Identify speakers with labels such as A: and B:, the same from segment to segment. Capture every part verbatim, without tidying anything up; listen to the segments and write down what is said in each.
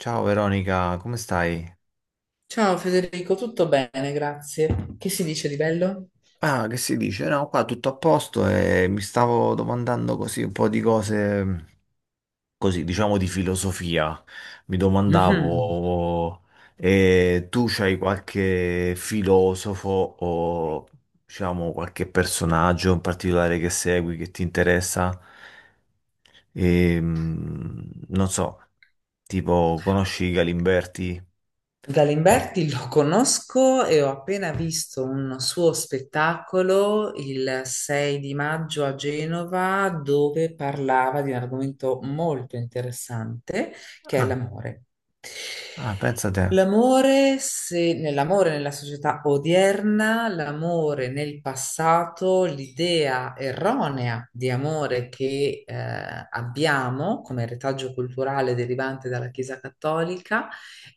A: Ciao Veronica, come stai?
B: Ciao Federico, tutto bene, grazie. Che si dice di bello?
A: Ah, che si dice? No, qua tutto a posto e mi stavo domandando così un po' di cose, così diciamo di filosofia. Mi
B: Mhm.
A: domandavo, eh, tu c'hai qualche filosofo o diciamo qualche personaggio in particolare che segui, che ti interessa? Ehm, non so, tipo conosci Galimberti?
B: Galimberti lo conosco e ho appena visto un suo spettacolo il sei di maggio a Genova dove parlava di un argomento molto interessante che è
A: Ah,
B: l'amore.
A: ah, pensa te.
B: L'amore, se nell'amore nella società odierna, l'amore nel passato, l'idea erronea di amore che eh, abbiamo come retaggio culturale derivante dalla Chiesa Cattolica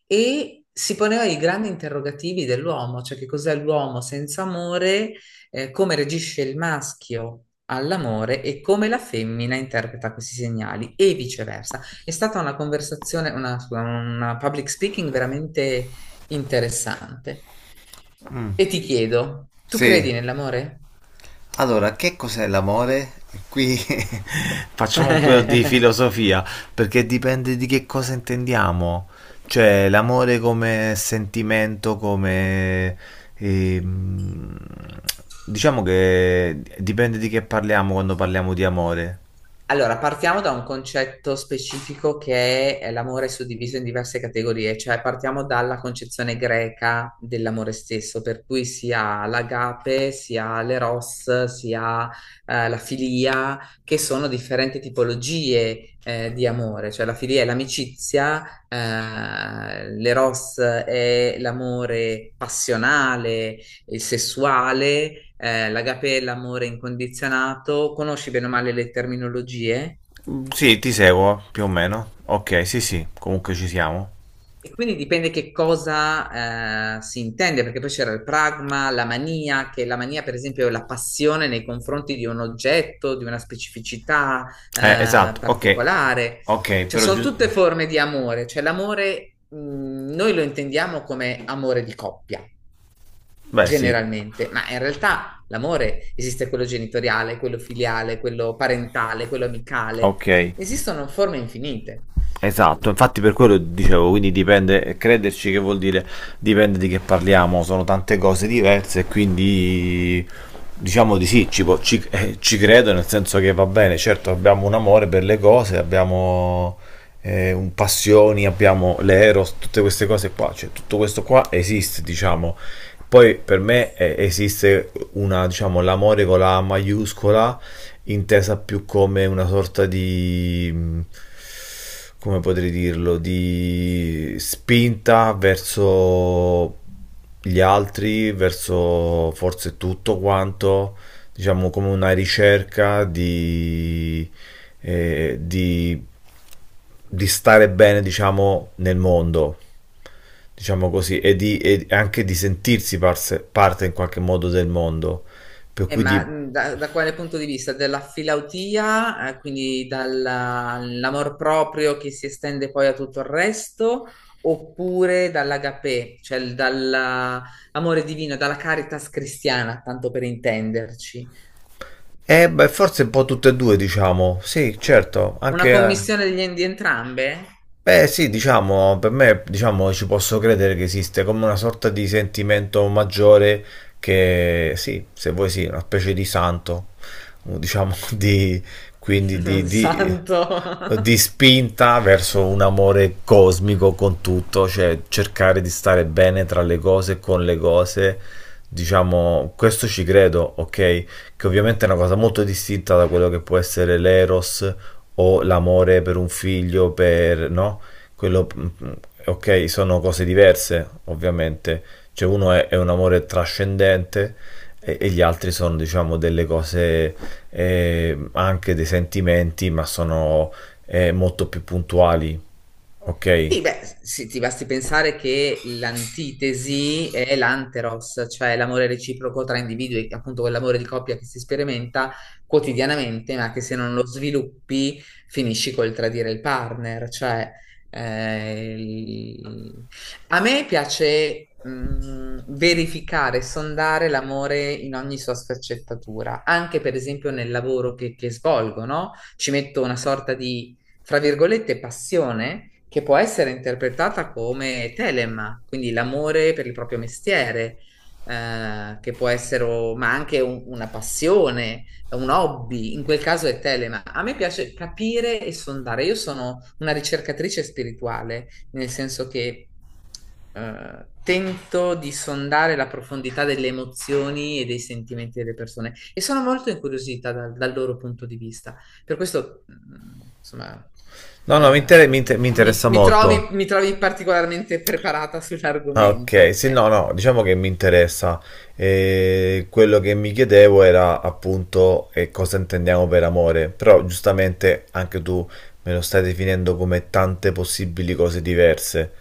B: e si poneva i grandi interrogativi dell'uomo, cioè che cos'è l'uomo senza amore, eh, come reagisce il maschio all'amore e come la femmina interpreta questi segnali e viceversa. È stata una conversazione, una, scusa, una public speaking veramente interessante.
A: Mm.
B: E ti chiedo, tu
A: Sì.
B: credi nell'amore?
A: Allora, che cos'è l'amore? Qui facciamo un po' di filosofia, perché dipende di che cosa intendiamo. Cioè, l'amore come sentimento, come... ehm, diciamo che dipende di che parliamo quando parliamo di amore.
B: Allora, partiamo da un concetto specifico che è l'amore suddiviso in diverse categorie, cioè partiamo dalla concezione greca dell'amore stesso, per cui si ha l'agape, si ha l'eros, si ha eh, la filia, che sono differenti tipologie eh, di amore, cioè la filia è l'amicizia, eh, l'eros è l'amore passionale, il sessuale, eh, l'agapè, l'amore incondizionato. Conosci bene o male le terminologie?
A: Mm, sì, ti seguo, più o meno. Ok, sì, sì, comunque ci siamo.
B: E quindi dipende che cosa eh, si intende, perché poi c'era il pragma, la mania, che la mania, per esempio, è la passione nei confronti di un oggetto, di una specificità
A: Eh,
B: eh,
A: esatto, ok.
B: particolare.
A: Ok,
B: Cioè,
A: però
B: sono tutte
A: giusto...
B: forme di amore. Cioè, l'amore, mh, noi lo intendiamo come amore di coppia.
A: Beh, sì,
B: Generalmente, ma in realtà l'amore esiste quello genitoriale, quello filiale, quello parentale, quello amicale.
A: ok.
B: Esistono forme infinite.
A: Esatto, infatti per quello dicevo, quindi dipende, crederci che vuol dire dipende di che parliamo, sono tante cose diverse e quindi diciamo di sì, ci, po- ci- eh, ci credo nel senso che va bene, certo abbiamo un amore per le cose, abbiamo eh, un passioni, abbiamo l'eros, tutte queste cose qua, cioè tutto questo qua esiste, diciamo. Poi per me eh, esiste una, diciamo, l'amore con la A maiuscola intesa più come una sorta di, mh, come potrei dirlo, di spinta verso gli altri, verso forse tutto quanto, diciamo come una ricerca di, eh, di, di stare bene, diciamo, nel mondo diciamo così, e, di, e anche di sentirsi parse- parte in qualche modo del mondo, per
B: Eh,
A: cui
B: ma
A: di...
B: mh, da, da quale punto di vista? Dalla filautia, eh, quindi dall'amor proprio che si estende poi a tutto il resto, oppure dall'agapè, cioè il- dall'amore divino, dalla caritas cristiana, tanto per intenderci.
A: Eh, beh, forse un po' tutte e due, diciamo. Sì, certo,
B: Una
A: anche eh.
B: commissione degli- di entrambe?
A: Beh, sì, diciamo, per me, diciamo, ci posso credere che esiste come una sorta di sentimento maggiore che, sì, se vuoi sì, una specie di santo, diciamo, di, quindi di, di,
B: Santo.
A: di spinta verso un amore cosmico con tutto, cioè cercare di stare bene tra le cose, e con le cose, diciamo, questo ci credo, ok? Che ovviamente è una cosa molto distinta da quello che può essere l'eros o l'amore per un figlio, per, no? Quello, mm, mm, ok, sono cose diverse, ovviamente. Cioè uno è, è un amore trascendente e, e gli altri sono, diciamo, delle cose, eh, anche dei sentimenti, ma sono eh, molto più puntuali, ok?
B: Sì, beh, s- sì, ti basti pensare che l'antitesi è l'anteros, cioè l'amore reciproco tra individui, appunto quell'amore di coppia che si sperimenta quotidianamente, ma che se non lo sviluppi finisci col tradire il partner. Cioè, eh, il- a me piace mh, verificare, sondare l'amore in ogni sua sfaccettatura, anche per esempio nel lavoro che, che svolgo, no? Ci metto una sorta di fra virgolette, passione che può essere interpretata come telema, quindi l'amore per il proprio mestiere, eh, che può essere, o- ma anche un- una passione, un hobby, in quel caso è telema. A me piace capire e sondare. Io sono una ricercatrice spirituale, nel senso che eh, tento di sondare la profondità delle emozioni e dei sentimenti delle persone e sono molto incuriosita dal, dal loro punto di vista. Per questo, mh, insomma,
A: No, no, mi inter- mi
B: eh,
A: inter- mi
B: mi,
A: interessa
B: mi
A: molto.
B: trovi, mi trovi particolarmente preparata
A: Ah, ok,
B: sull'argomento,
A: sì, no,
B: ecco.
A: no, diciamo che mi interessa. Eh, quello che mi chiedevo era appunto eh, cosa intendiamo per amore, però giustamente anche tu me lo stai definendo come tante possibili cose diverse.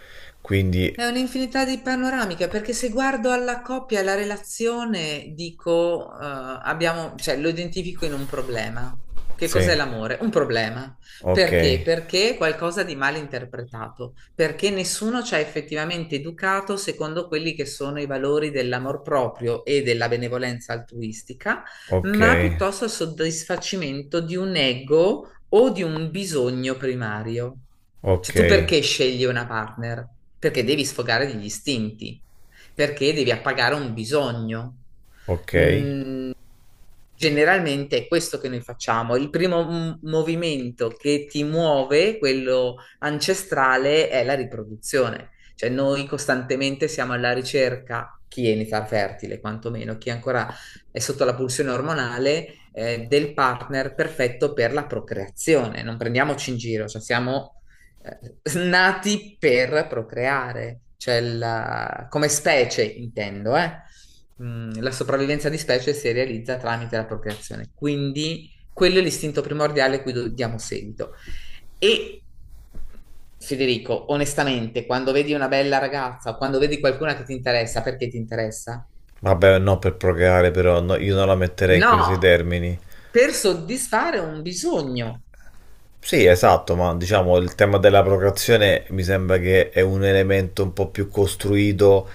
A: Quindi,
B: È un'infinità di panoramiche, perché se guardo alla coppia e alla relazione, dico, eh, abbiamo, cioè, lo identifico in un problema. Che
A: sì,
B: cos'è l'amore? Un problema.
A: ok,
B: Perché? Perché è qualcosa di mal interpretato, perché nessuno ci ha effettivamente educato secondo quelli che sono i valori dell'amor proprio e della benevolenza altruistica,
A: ok,
B: ma piuttosto al soddisfacimento di un ego o di un bisogno primario. Cioè,
A: ok,
B: tu perché scegli una partner? Perché devi sfogare degli istinti, perché devi appagare un bisogno.
A: ok.
B: Mm, generalmente è questo che noi facciamo. Il primo m- movimento che ti muove, quello ancestrale, è la riproduzione. Cioè noi costantemente siamo alla ricerca, chi è in età fertile, quantomeno, chi ancora è sotto la pulsione ormonale, eh, del partner perfetto per la procreazione. Non prendiamoci in giro, cioè siamo eh, nati per procreare, cioè la- come specie intendo, eh. Mm, la sopravvivenza di specie si realizza tramite la procreazione, quindi quello è l'istinto primordiale a cui do- diamo seguito. E Federico, onestamente, quando vedi una bella ragazza o quando vedi qualcuna che ti interessa, perché ti interessa?
A: Vabbè, no, per procreare però, no, io non la metterei in questi
B: No,
A: termini.
B: per soddisfare un bisogno.
A: Sì, esatto, ma diciamo il tema della procreazione mi sembra che è un elemento un po' più costruito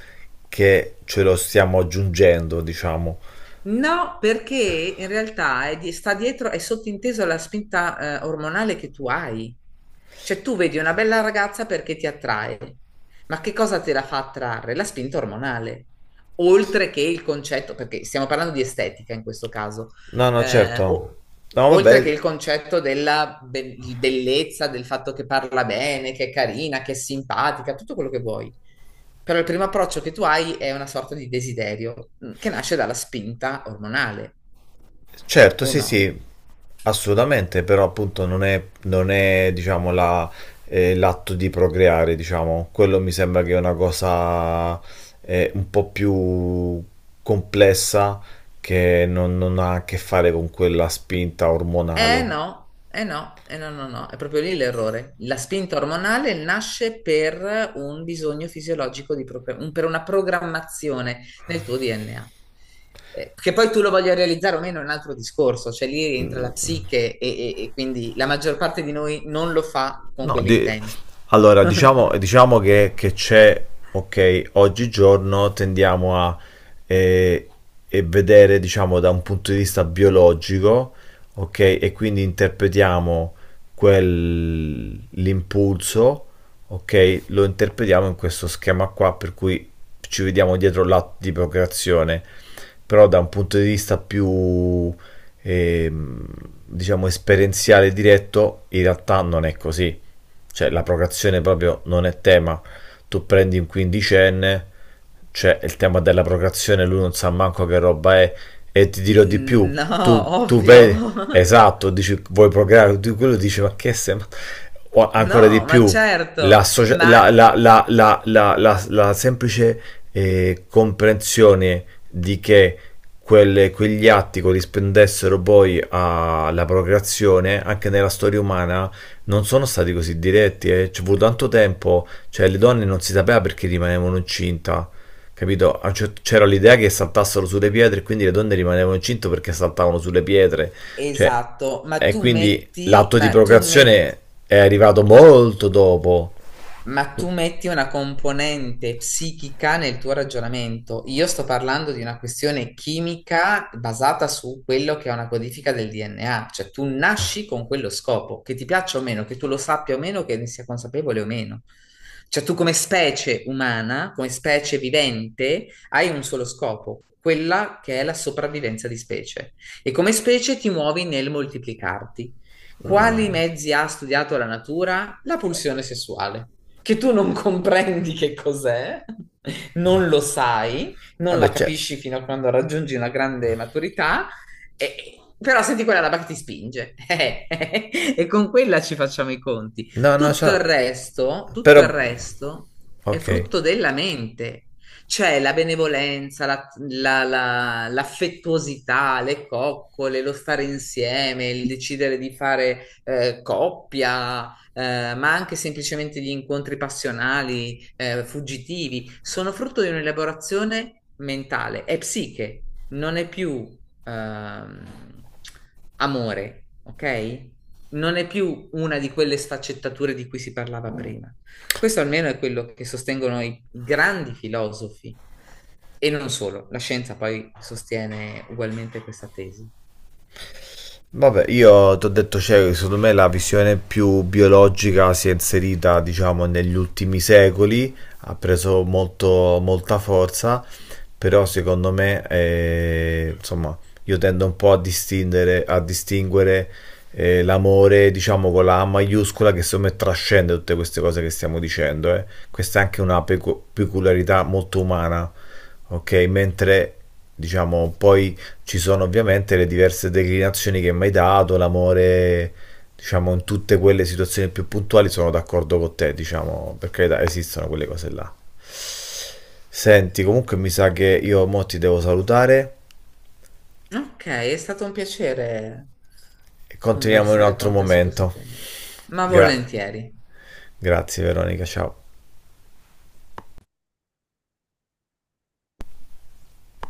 A: che ce lo stiamo aggiungendo, diciamo.
B: No, perché in realtà è di- sta dietro, è sottinteso la spinta, eh, ormonale che tu hai. Cioè tu vedi una bella ragazza perché ti attrae, ma che cosa te la fa attrarre? La spinta ormonale, oltre che il concetto, perché stiamo parlando di estetica in questo caso,
A: No, no,
B: eh,
A: certo.
B: o-
A: No,
B: oltre che
A: vabbè,
B: il concetto della be- di bellezza, del fatto che parla bene, che è carina, che è simpatica, tutto quello che vuoi. Però il primo approccio che tu hai è una sorta di desiderio mm, che nasce dalla spinta ormonale,
A: certo,
B: o
A: sì,
B: no?
A: sì, assolutamente, però appunto non è, non è diciamo, la- eh, l'atto di procreare, diciamo. Quello mi sembra che è una cosa eh, un po' più complessa che non non ha a che fare con quella spinta
B: Eh
A: ormonale.
B: no, eh no, eh no, no, no, è proprio lì l'errore. La spinta ormonale nasce per un bisogno fisiologico, di propria- un- per una programmazione nel tuo D N A. Eh, che poi tu lo voglia realizzare o meno è un altro discorso, cioè lì rientra la psiche e, e- e quindi la maggior parte di noi non lo fa con
A: No, di-
B: quell'intento.
A: allora diciamo, diciamo che, che c'è, ok, oggigiorno tendiamo a eh, e vedere, diciamo, da un punto di vista biologico, ok, e quindi interpretiamo quel- l'impulso, ok, lo interpretiamo in questo schema qua, per cui ci vediamo dietro l'atto di procreazione, però da un punto di vista più, ehm, diciamo, esperienziale diretto, in realtà non è così, cioè la procreazione proprio non è tema. Tu prendi un quindicenne, c'è il tema della procreazione, lui non sa manco che roba è, e ti dirò di più,
B: Mm, no,
A: tu, tu
B: ovvio.
A: vedi, esatto, dici vuoi procreare, tu quello dici ma che sei, ma... O ancora di
B: No, ma
A: più,
B: certo,
A: la, socia-
B: ma
A: la, la, la, la, la, la, la semplice eh, comprensione di che quelle- quegli atti corrispondessero poi alla procreazione, anche nella storia umana, non sono stati così diretti, eh. Ci è voluto tanto tempo, cioè le donne non si sapeva perché rimanevano incinta, capito? A un cer- C'era l'idea che saltassero sulle pietre e quindi le donne rimanevano incinte perché saltavano sulle pietre, cioè,
B: esatto, ma
A: e
B: tu
A: quindi
B: metti,
A: l'atto di
B: ma tu metti
A: procreazione è arrivato molto dopo.
B: Ma tu metti una componente psichica nel tuo ragionamento. Io sto parlando di una questione chimica basata su quello che è una codifica del D N A, cioè tu nasci con quello scopo, che ti piaccia o meno, che tu lo sappia o meno, che ne sia consapevole o meno. Cioè tu come specie umana, come specie vivente, hai un solo scopo, quella che è la sopravvivenza di specie. E come specie ti muovi nel moltiplicarti. Quali
A: Mm.
B: mezzi ha studiato la natura? La pulsione sessuale che tu non comprendi che cos'è, non lo sai, non la
A: Vabbè, c'è,
B: capisci fino a quando raggiungi una grande maturità, e- però senti quella roba che ti spinge e con quella ci facciamo i conti.
A: no, no,
B: Tutto
A: c'è,
B: il resto, tutto
A: però,
B: il resto è
A: ok.
B: frutto della mente. Cioè la benevolenza, la- la- la- l'affettuosità, le coccole, lo stare insieme, il decidere di fare eh, coppia, eh, ma anche semplicemente gli incontri passionali, eh, fuggitivi, sono frutto di un'elaborazione mentale, è psiche, non è più ehm, amore, ok? Non è più una di quelle sfaccettature di cui si parlava prima. Questo almeno è quello che sostengono i i grandi filosofi. E non solo, la scienza poi sostiene ugualmente questa tesi.
A: Vabbè, io ti ho detto, cioè, secondo me la visione più biologica si è inserita, diciamo, negli ultimi secoli, ha preso molto, molta forza, però secondo me, eh, insomma, io tendo un po' a distinguere, a distinguere eh, l'amore, diciamo, con la A maiuscola, che secondo me trascende tutte queste cose che stiamo dicendo, eh. Questa è anche una pecu- peculiarità molto umana, ok? Mentre, diciamo, poi ci sono ovviamente le diverse declinazioni che mi hai dato, l'amore, diciamo, in tutte quelle situazioni più puntuali sono d'accordo con te, diciamo, per carità, esistono quelle cose là. Senti, comunque mi sa che io mo ti devo salutare
B: Ok, è stato un piacere
A: e continuiamo in un
B: conversare
A: altro
B: con te su questo
A: momento.
B: tema, ma
A: Gra-
B: volentieri.
A: grazie Veronica, ciao.